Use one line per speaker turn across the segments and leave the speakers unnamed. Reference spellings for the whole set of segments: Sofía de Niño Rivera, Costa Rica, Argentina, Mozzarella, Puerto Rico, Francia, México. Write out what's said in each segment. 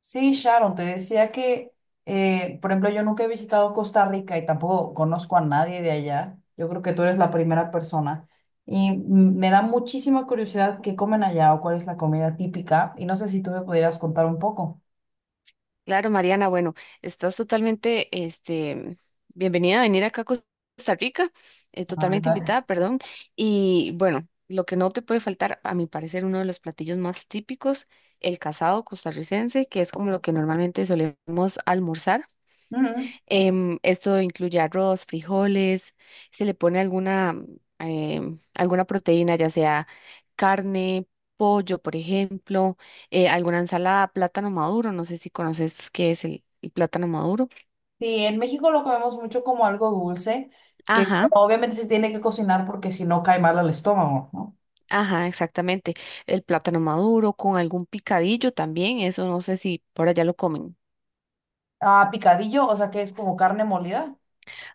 Sí, Sharon, te decía que, por ejemplo, yo nunca he visitado Costa Rica y tampoco conozco a nadie de allá. Yo creo que tú eres la primera persona. Y me da muchísima curiosidad qué comen allá o cuál es la comida típica. Y no sé si tú me pudieras contar un poco.
Claro, Mariana, bueno, estás totalmente, bienvenida a venir acá a Costa Rica,
La
totalmente
verdad.
invitada, perdón. Y bueno, lo que no te puede faltar, a mi parecer, uno de los platillos más típicos, el casado costarricense, que es como lo que normalmente solemos almorzar.
Ujú.
Esto incluye arroz, frijoles, se le pone alguna, alguna proteína, ya sea carne, pollo, por ejemplo, alguna ensalada, plátano maduro, no sé si conoces qué es el plátano maduro.
Sí, en México lo comemos mucho como algo dulce, que
Ajá,
bueno, obviamente se tiene que cocinar porque si no cae mal al estómago, ¿no?
ajá, exactamente. El plátano maduro con algún picadillo también, eso no sé si por allá lo comen.
Ah, picadillo, o sea que es como carne molida.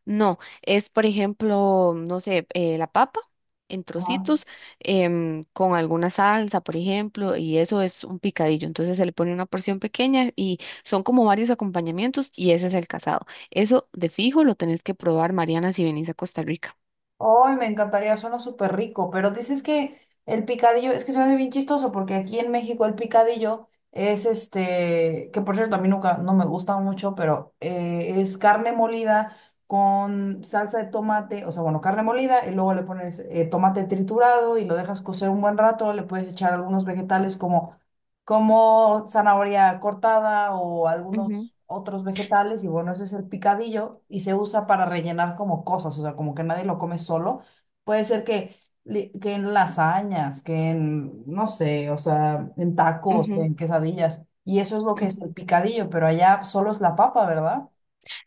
No, es por ejemplo, no sé, la papa en trocitos, con alguna salsa, por ejemplo, y eso es un picadillo. Entonces se le pone una porción pequeña y son como varios acompañamientos y ese es el casado. Eso de fijo lo tenés que probar, Mariana, si venís a Costa Rica.
Ay, me encantaría, suena súper rico, pero dices que el picadillo, es que se me hace bien chistoso porque aquí en México el picadillo es este, que por cierto a mí nunca, no me gusta mucho, pero es carne molida con salsa de tomate, o sea, bueno, carne molida y luego le pones tomate triturado y lo dejas cocer un buen rato, le puedes echar algunos vegetales como como zanahoria cortada o
Ujú,
algunos otros vegetales y bueno, ese es el picadillo y se usa para rellenar como cosas, o sea, como que nadie lo come solo. Puede ser que, que en lasañas, que en, no sé, o sea, en tacos,
ujú,
en quesadillas. Y eso es lo que es el
ujú.
picadillo, pero allá solo es la papa, ¿verdad?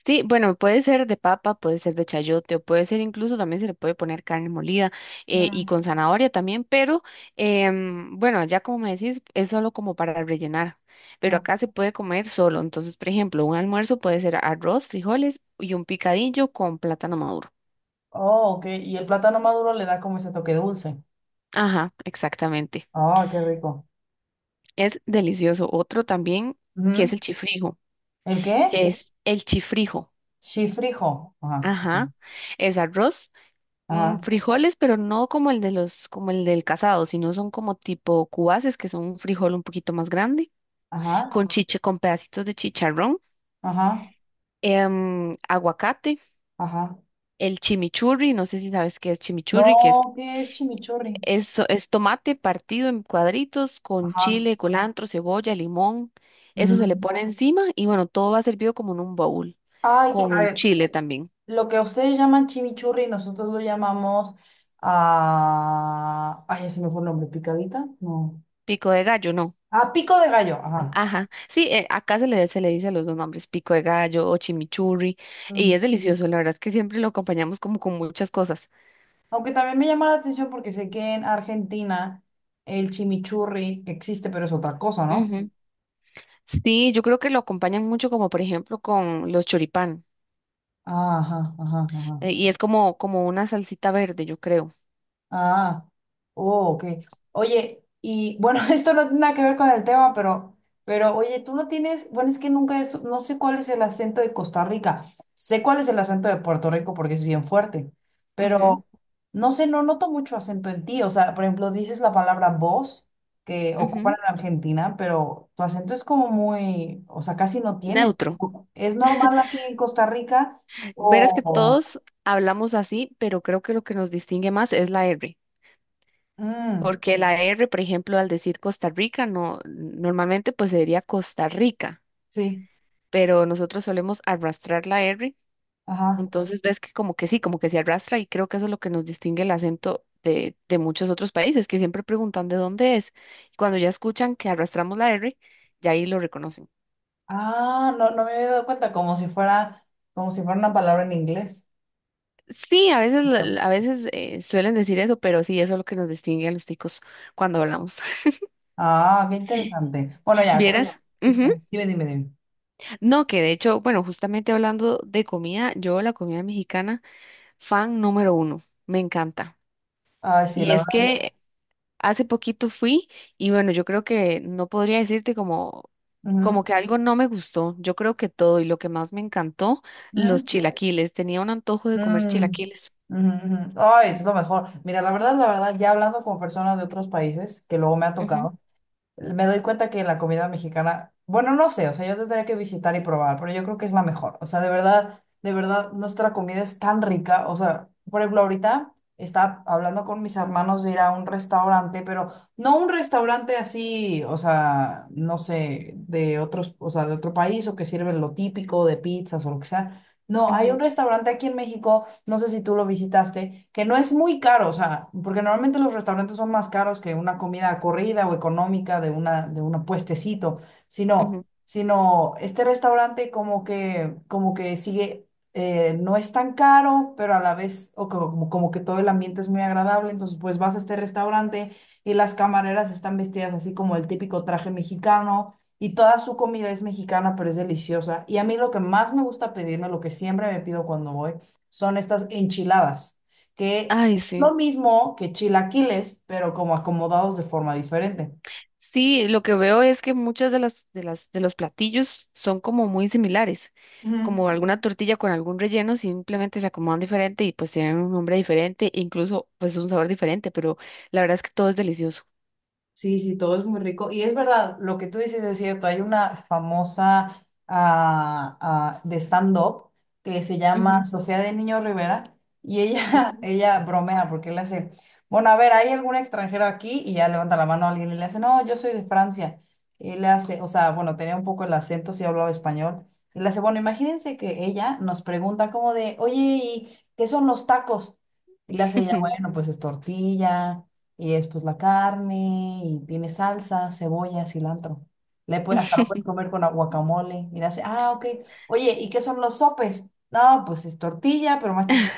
Sí, bueno, puede ser de papa, puede ser de chayote o puede ser incluso también se le puede poner carne molida, y
Mm,
con zanahoria también, pero bueno, ya como me decís, es solo como para rellenar, pero
mm.
acá se puede comer solo. Entonces, por ejemplo, un almuerzo puede ser arroz, frijoles y un picadillo con plátano maduro.
Oh, ok. Y el plátano maduro le da como ese toque dulce.
Ajá, exactamente.
Oh, qué rico.
Es delicioso. Otro también que es
Ujú.
el chifrijo,
¿El qué?
que es el chifrijo.
Chifrijo. Ajá. Ok.
Ajá, es arroz. mm,
Ajá.
frijoles, pero no como el de los, como el del casado, sino son como tipo cubaces, que son un frijol un poquito más grande,
Ajá.
con, ajá, chiche, con pedacitos de chicharrón,
Ajá,
aguacate,
ajá.
el chimichurri, no sé si sabes qué es chimichurri, que es,
No, ¿qué es chimichurri?
es, es tomate partido en cuadritos con
Ajá.
chile, culantro, cebolla, limón, eso se le
Ujú.
pone, ujú, encima y bueno, todo va servido como en un baúl,
Ay, a
con
ver,
chile también.
lo que ustedes llaman chimichurri, nosotros lo llamamos a Ay, ya se me fue el nombre, picadita, no.
Pico de gallo, no.
Ah, pico de gallo, ajá.
Ajá, sí, acá se le dice a los dos nombres, pico de gallo o chimichurri, y
Mm.
es delicioso, la verdad es que siempre lo acompañamos como con muchas cosas.
Aunque también me llama la atención porque sé que en Argentina el chimichurri existe, pero es otra cosa, ¿no?
Ujú. Sí, yo creo que lo acompañan mucho como por ejemplo con los choripán,
Ah, ajá, ajá, ajá.
y es como una salsita verde, yo creo.
Ah, oh, ok. Oye, y bueno, esto no tiene nada que ver con el tema, pero oye, tú no tienes, bueno, es que nunca es, no sé cuál es el acento de Costa Rica. Sé cuál es el acento de Puerto Rico porque es bien fuerte, pero no sé, no noto mucho acento en ti. O sea, por ejemplo, dices la palabra vos que
Ujú, ujú.
ocupan en Argentina, pero tu acento es como muy, o sea, casi no tiene.
Neutro.
¿Es normal así en Costa Rica
Verás que
o no?
todos hablamos así, pero creo que lo que nos distingue más es la R.
Mm,
Porque la R, por ejemplo, al decir Costa Rica, no, normalmente pues se diría Costa Rica,
sí,
pero nosotros solemos arrastrar la R,
ajá.
entonces ves que como que sí, como que se arrastra y creo que eso es lo que nos distingue el acento de muchos otros países, que siempre preguntan de dónde es. Y cuando ya escuchan que arrastramos la R, ya ahí lo reconocen.
Ah, no, no me había dado cuenta, como si fuera una palabra en inglés.
Sí, a veces, a veces, suelen decir eso, pero sí, eso es lo que nos distingue a los ticos cuando hablamos.
Ah, qué interesante. Bueno, ya,
Vieras, ujú.
dime, dime.
No, que de hecho, bueno, justamente hablando de comida, yo la comida mexicana, fan número uno, me encanta.
Ay, sí,
Y
la
es
verdad.
que hace poquito fui y bueno, yo creo que no podría decirte como,
Ujú,
que algo no me gustó. Yo creo que todo y lo que más me encantó, los
ujú,
chilaquiles. Tenía un antojo de comer
mm,
chilaquiles.
ujú, ujú. Ay, es lo mejor. Mira, la verdad, ya hablando con personas de otros países, que luego me ha
Ujú,
tocado. Me doy cuenta que la comida mexicana, bueno, no sé, o sea, yo tendría que visitar y probar, pero yo creo que es la mejor. O sea, de verdad, nuestra comida es tan rica. O sea, por ejemplo, ahorita estaba hablando con mis hermanos de ir a un restaurante, pero no un restaurante así, o sea, no sé, de otros, o sea, de otro país o que sirven lo típico de pizzas o lo que sea. No, hay un
ujú,
restaurante aquí en México no sé si tú lo visitaste, que no es muy caro, o sea, porque normalmente los restaurantes son más caros que una comida corrida o económica de una, de un puestecito, sino,
ujú.
sino este restaurante como que sigue, no es tan caro, pero a la vez, o como, como que todo el ambiente es muy agradable, entonces pues vas a este restaurante y las camareras están vestidas así como el típico traje mexicano y toda su comida es mexicana, pero es deliciosa. Y a mí lo que más me gusta pedirme, lo que siempre me pido cuando voy, son estas enchiladas, que
Ay, sí.
lo mismo que chilaquiles, pero como acomodados de forma diferente.
Sí, lo que veo es que muchas de los platillos son como muy similares,
Ujú.
como alguna tortilla con algún relleno, simplemente se acomodan diferente y pues tienen un nombre diferente, incluso pues un sabor diferente, pero la verdad es que todo es delicioso.
Sí, sí, todo es muy rico. Y es verdad, lo que tú dices es cierto. Hay una famosa ah, ah, de stand-up que se llama
Ujú,
Sofía de Niño Rivera y ella,
ujú,
ella bromea porque le hace, bueno, a ver, ¿hay algún extranjero aquí? Y ya levanta la mano a alguien y le hace, no, yo soy de Francia. Y le hace, o sea, bueno, tenía un poco el acento, sí hablaba español. Y le hace, bueno, imagínense que ella nos pregunta como de, oye, ¿y qué son los tacos? Y le hace ella,
ujú.
bueno, pues es tortilla y es pues la carne y tiene salsa, cebolla, cilantro. Le puede, hasta lo puedes comer con aguacamole. Y le hace, ah, ok. Oye, ¿y qué son los sopes? No, pues es tortilla, pero más chiquita.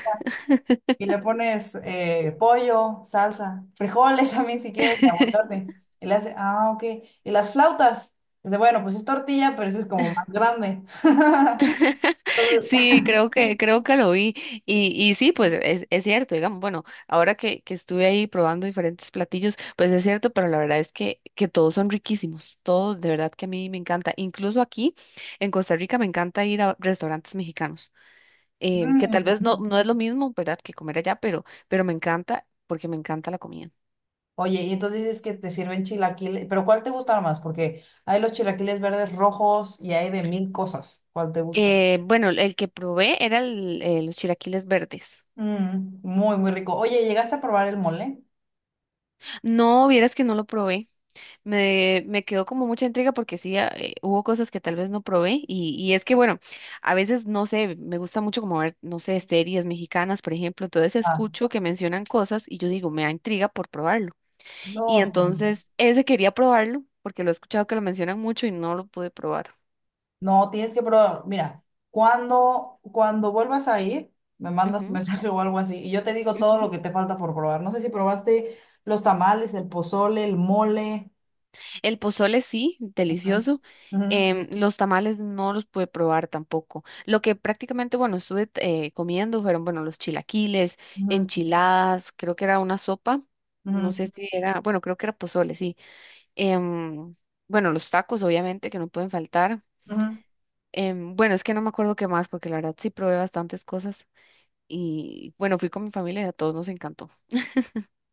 Y le pones pollo, salsa, frijoles también si quieres, aguacate. Y le hace, ah, ok. ¿Y las flautas? Dice, bueno, pues es tortilla, pero ese es como más grande.
Sí, creo que lo vi. Y sí, pues es cierto, digamos, bueno, ahora que estuve ahí probando diferentes platillos, pues es cierto, pero la verdad es que todos son riquísimos, todos, de verdad que a mí me encanta. Incluso aquí en Costa Rica me encanta ir a restaurantes mexicanos, que tal
Mm.
vez no es lo mismo, ¿verdad?, que comer allá, pero me encanta porque me encanta la comida.
Oye, y entonces dices que te sirven chilaquiles, pero ¿cuál te gusta más? Porque hay los chilaquiles verdes rojos y hay de mil cosas. ¿Cuál te gusta?
Bueno, el que probé era los chilaquiles verdes.
Mm, muy, muy rico. Oye, ¿llegaste a probar el mole?
No, vieras que no lo probé. Me quedó como mucha intriga porque sí, hubo cosas que tal vez no probé y es que bueno, a veces no sé, me gusta mucho como ver, no sé, series mexicanas, por ejemplo, entonces
Ah,
escucho que mencionan cosas y yo digo, me da intriga por probarlo. Y
no, sí, sí.
entonces ese quería probarlo porque lo he escuchado que lo mencionan mucho y no lo pude probar.
No, tienes que probar. Mira, cuando vuelvas a ir, me mandas un mensaje o algo así y yo te digo todo lo
Ujú.
que te falta por probar. No sé si probaste los tamales, el pozole, el mole.
El pozole sí,
Ujú,
delicioso.
ujú,
Los tamales no los pude probar tampoco. Lo que prácticamente, bueno, estuve comiendo fueron, bueno, los chilaquiles,
ujú,
enchiladas, creo que era una sopa, no
ujú,
sé si era, bueno, creo que era pozole, sí. Em, bueno, los tacos, obviamente, que no pueden faltar.
ujú.
Bueno, es que no me acuerdo qué más, porque la verdad sí probé bastantes cosas. Y bueno, fui con mi familia y a todos nos encantó.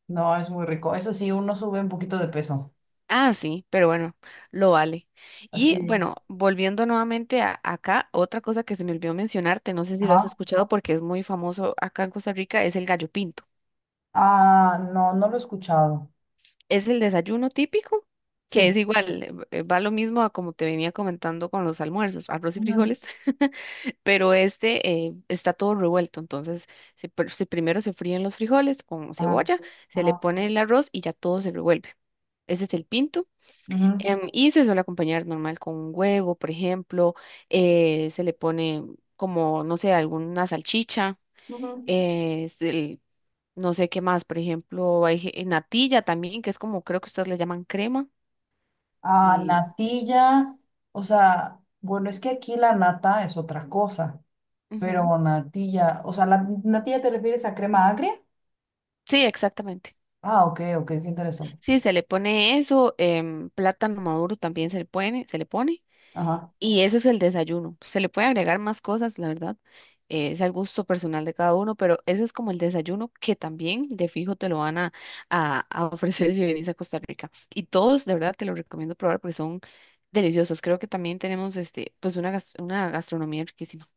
No, es muy rico. Eso sí, uno sube un poquito de peso.
Ah, sí, pero bueno, lo vale. Y
Así
bueno, volviendo nuevamente acá, otra cosa que se me olvidó mencionarte, no sé si lo has
ajá.
escuchado porque es muy famoso acá en Costa Rica, es el gallo pinto.
Ah, no, no lo he escuchado.
Es el desayuno típico, que
Sí.
es igual, va lo mismo a como te venía comentando con los almuerzos, arroz y
Ujú.
frijoles, pero está todo revuelto, entonces se primero se fríen los frijoles con
Ajá.
cebolla, se le
Ajá.
pone el arroz y ya todo se revuelve. Ese es el pinto.
Ujú,
Y se suele acompañar normal con un huevo, por ejemplo, se le pone como, no sé, alguna salchicha,
ujú.
eh, se- no sé qué más, por ejemplo, hay natilla también, que es como creo que ustedes le llaman crema.
Ah,
eh,
natilla, o sea, bueno, es que aquí la nata es otra cosa,
ujú,
pero natilla, o sea, ¿la natilla te refieres a crema agria?
sí, exactamente.
Ah, ok, ok, qué interesante.
Sí, se le pone eso, plátano maduro también se le pone.
Ajá.
Y ese es el desayuno. Se le puede agregar más cosas, la verdad. Es al gusto personal de cada uno, pero ese es como el desayuno que también de fijo te lo van a ofrecer si venís a Costa Rica. Y todos, de verdad, te lo recomiendo probar porque son deliciosos. Creo que también tenemos pues una gastronomía riquísima.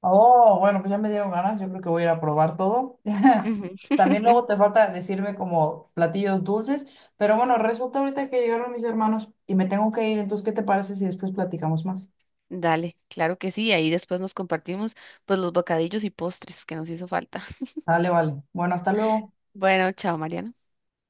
Oh, bueno, pues ya me dieron ganas, yo creo que voy a ir a probar todo.
Ujú.
También luego te falta decirme como platillos dulces, pero bueno, resulta ahorita que llegaron mis hermanos y me tengo que ir, entonces, ¿qué te parece si después platicamos más?
Dale, claro que sí. Ahí después nos compartimos pues los bocadillos y postres que nos hizo falta.
Dale, vale. Bueno, hasta luego.
Bueno, chao, Mariana.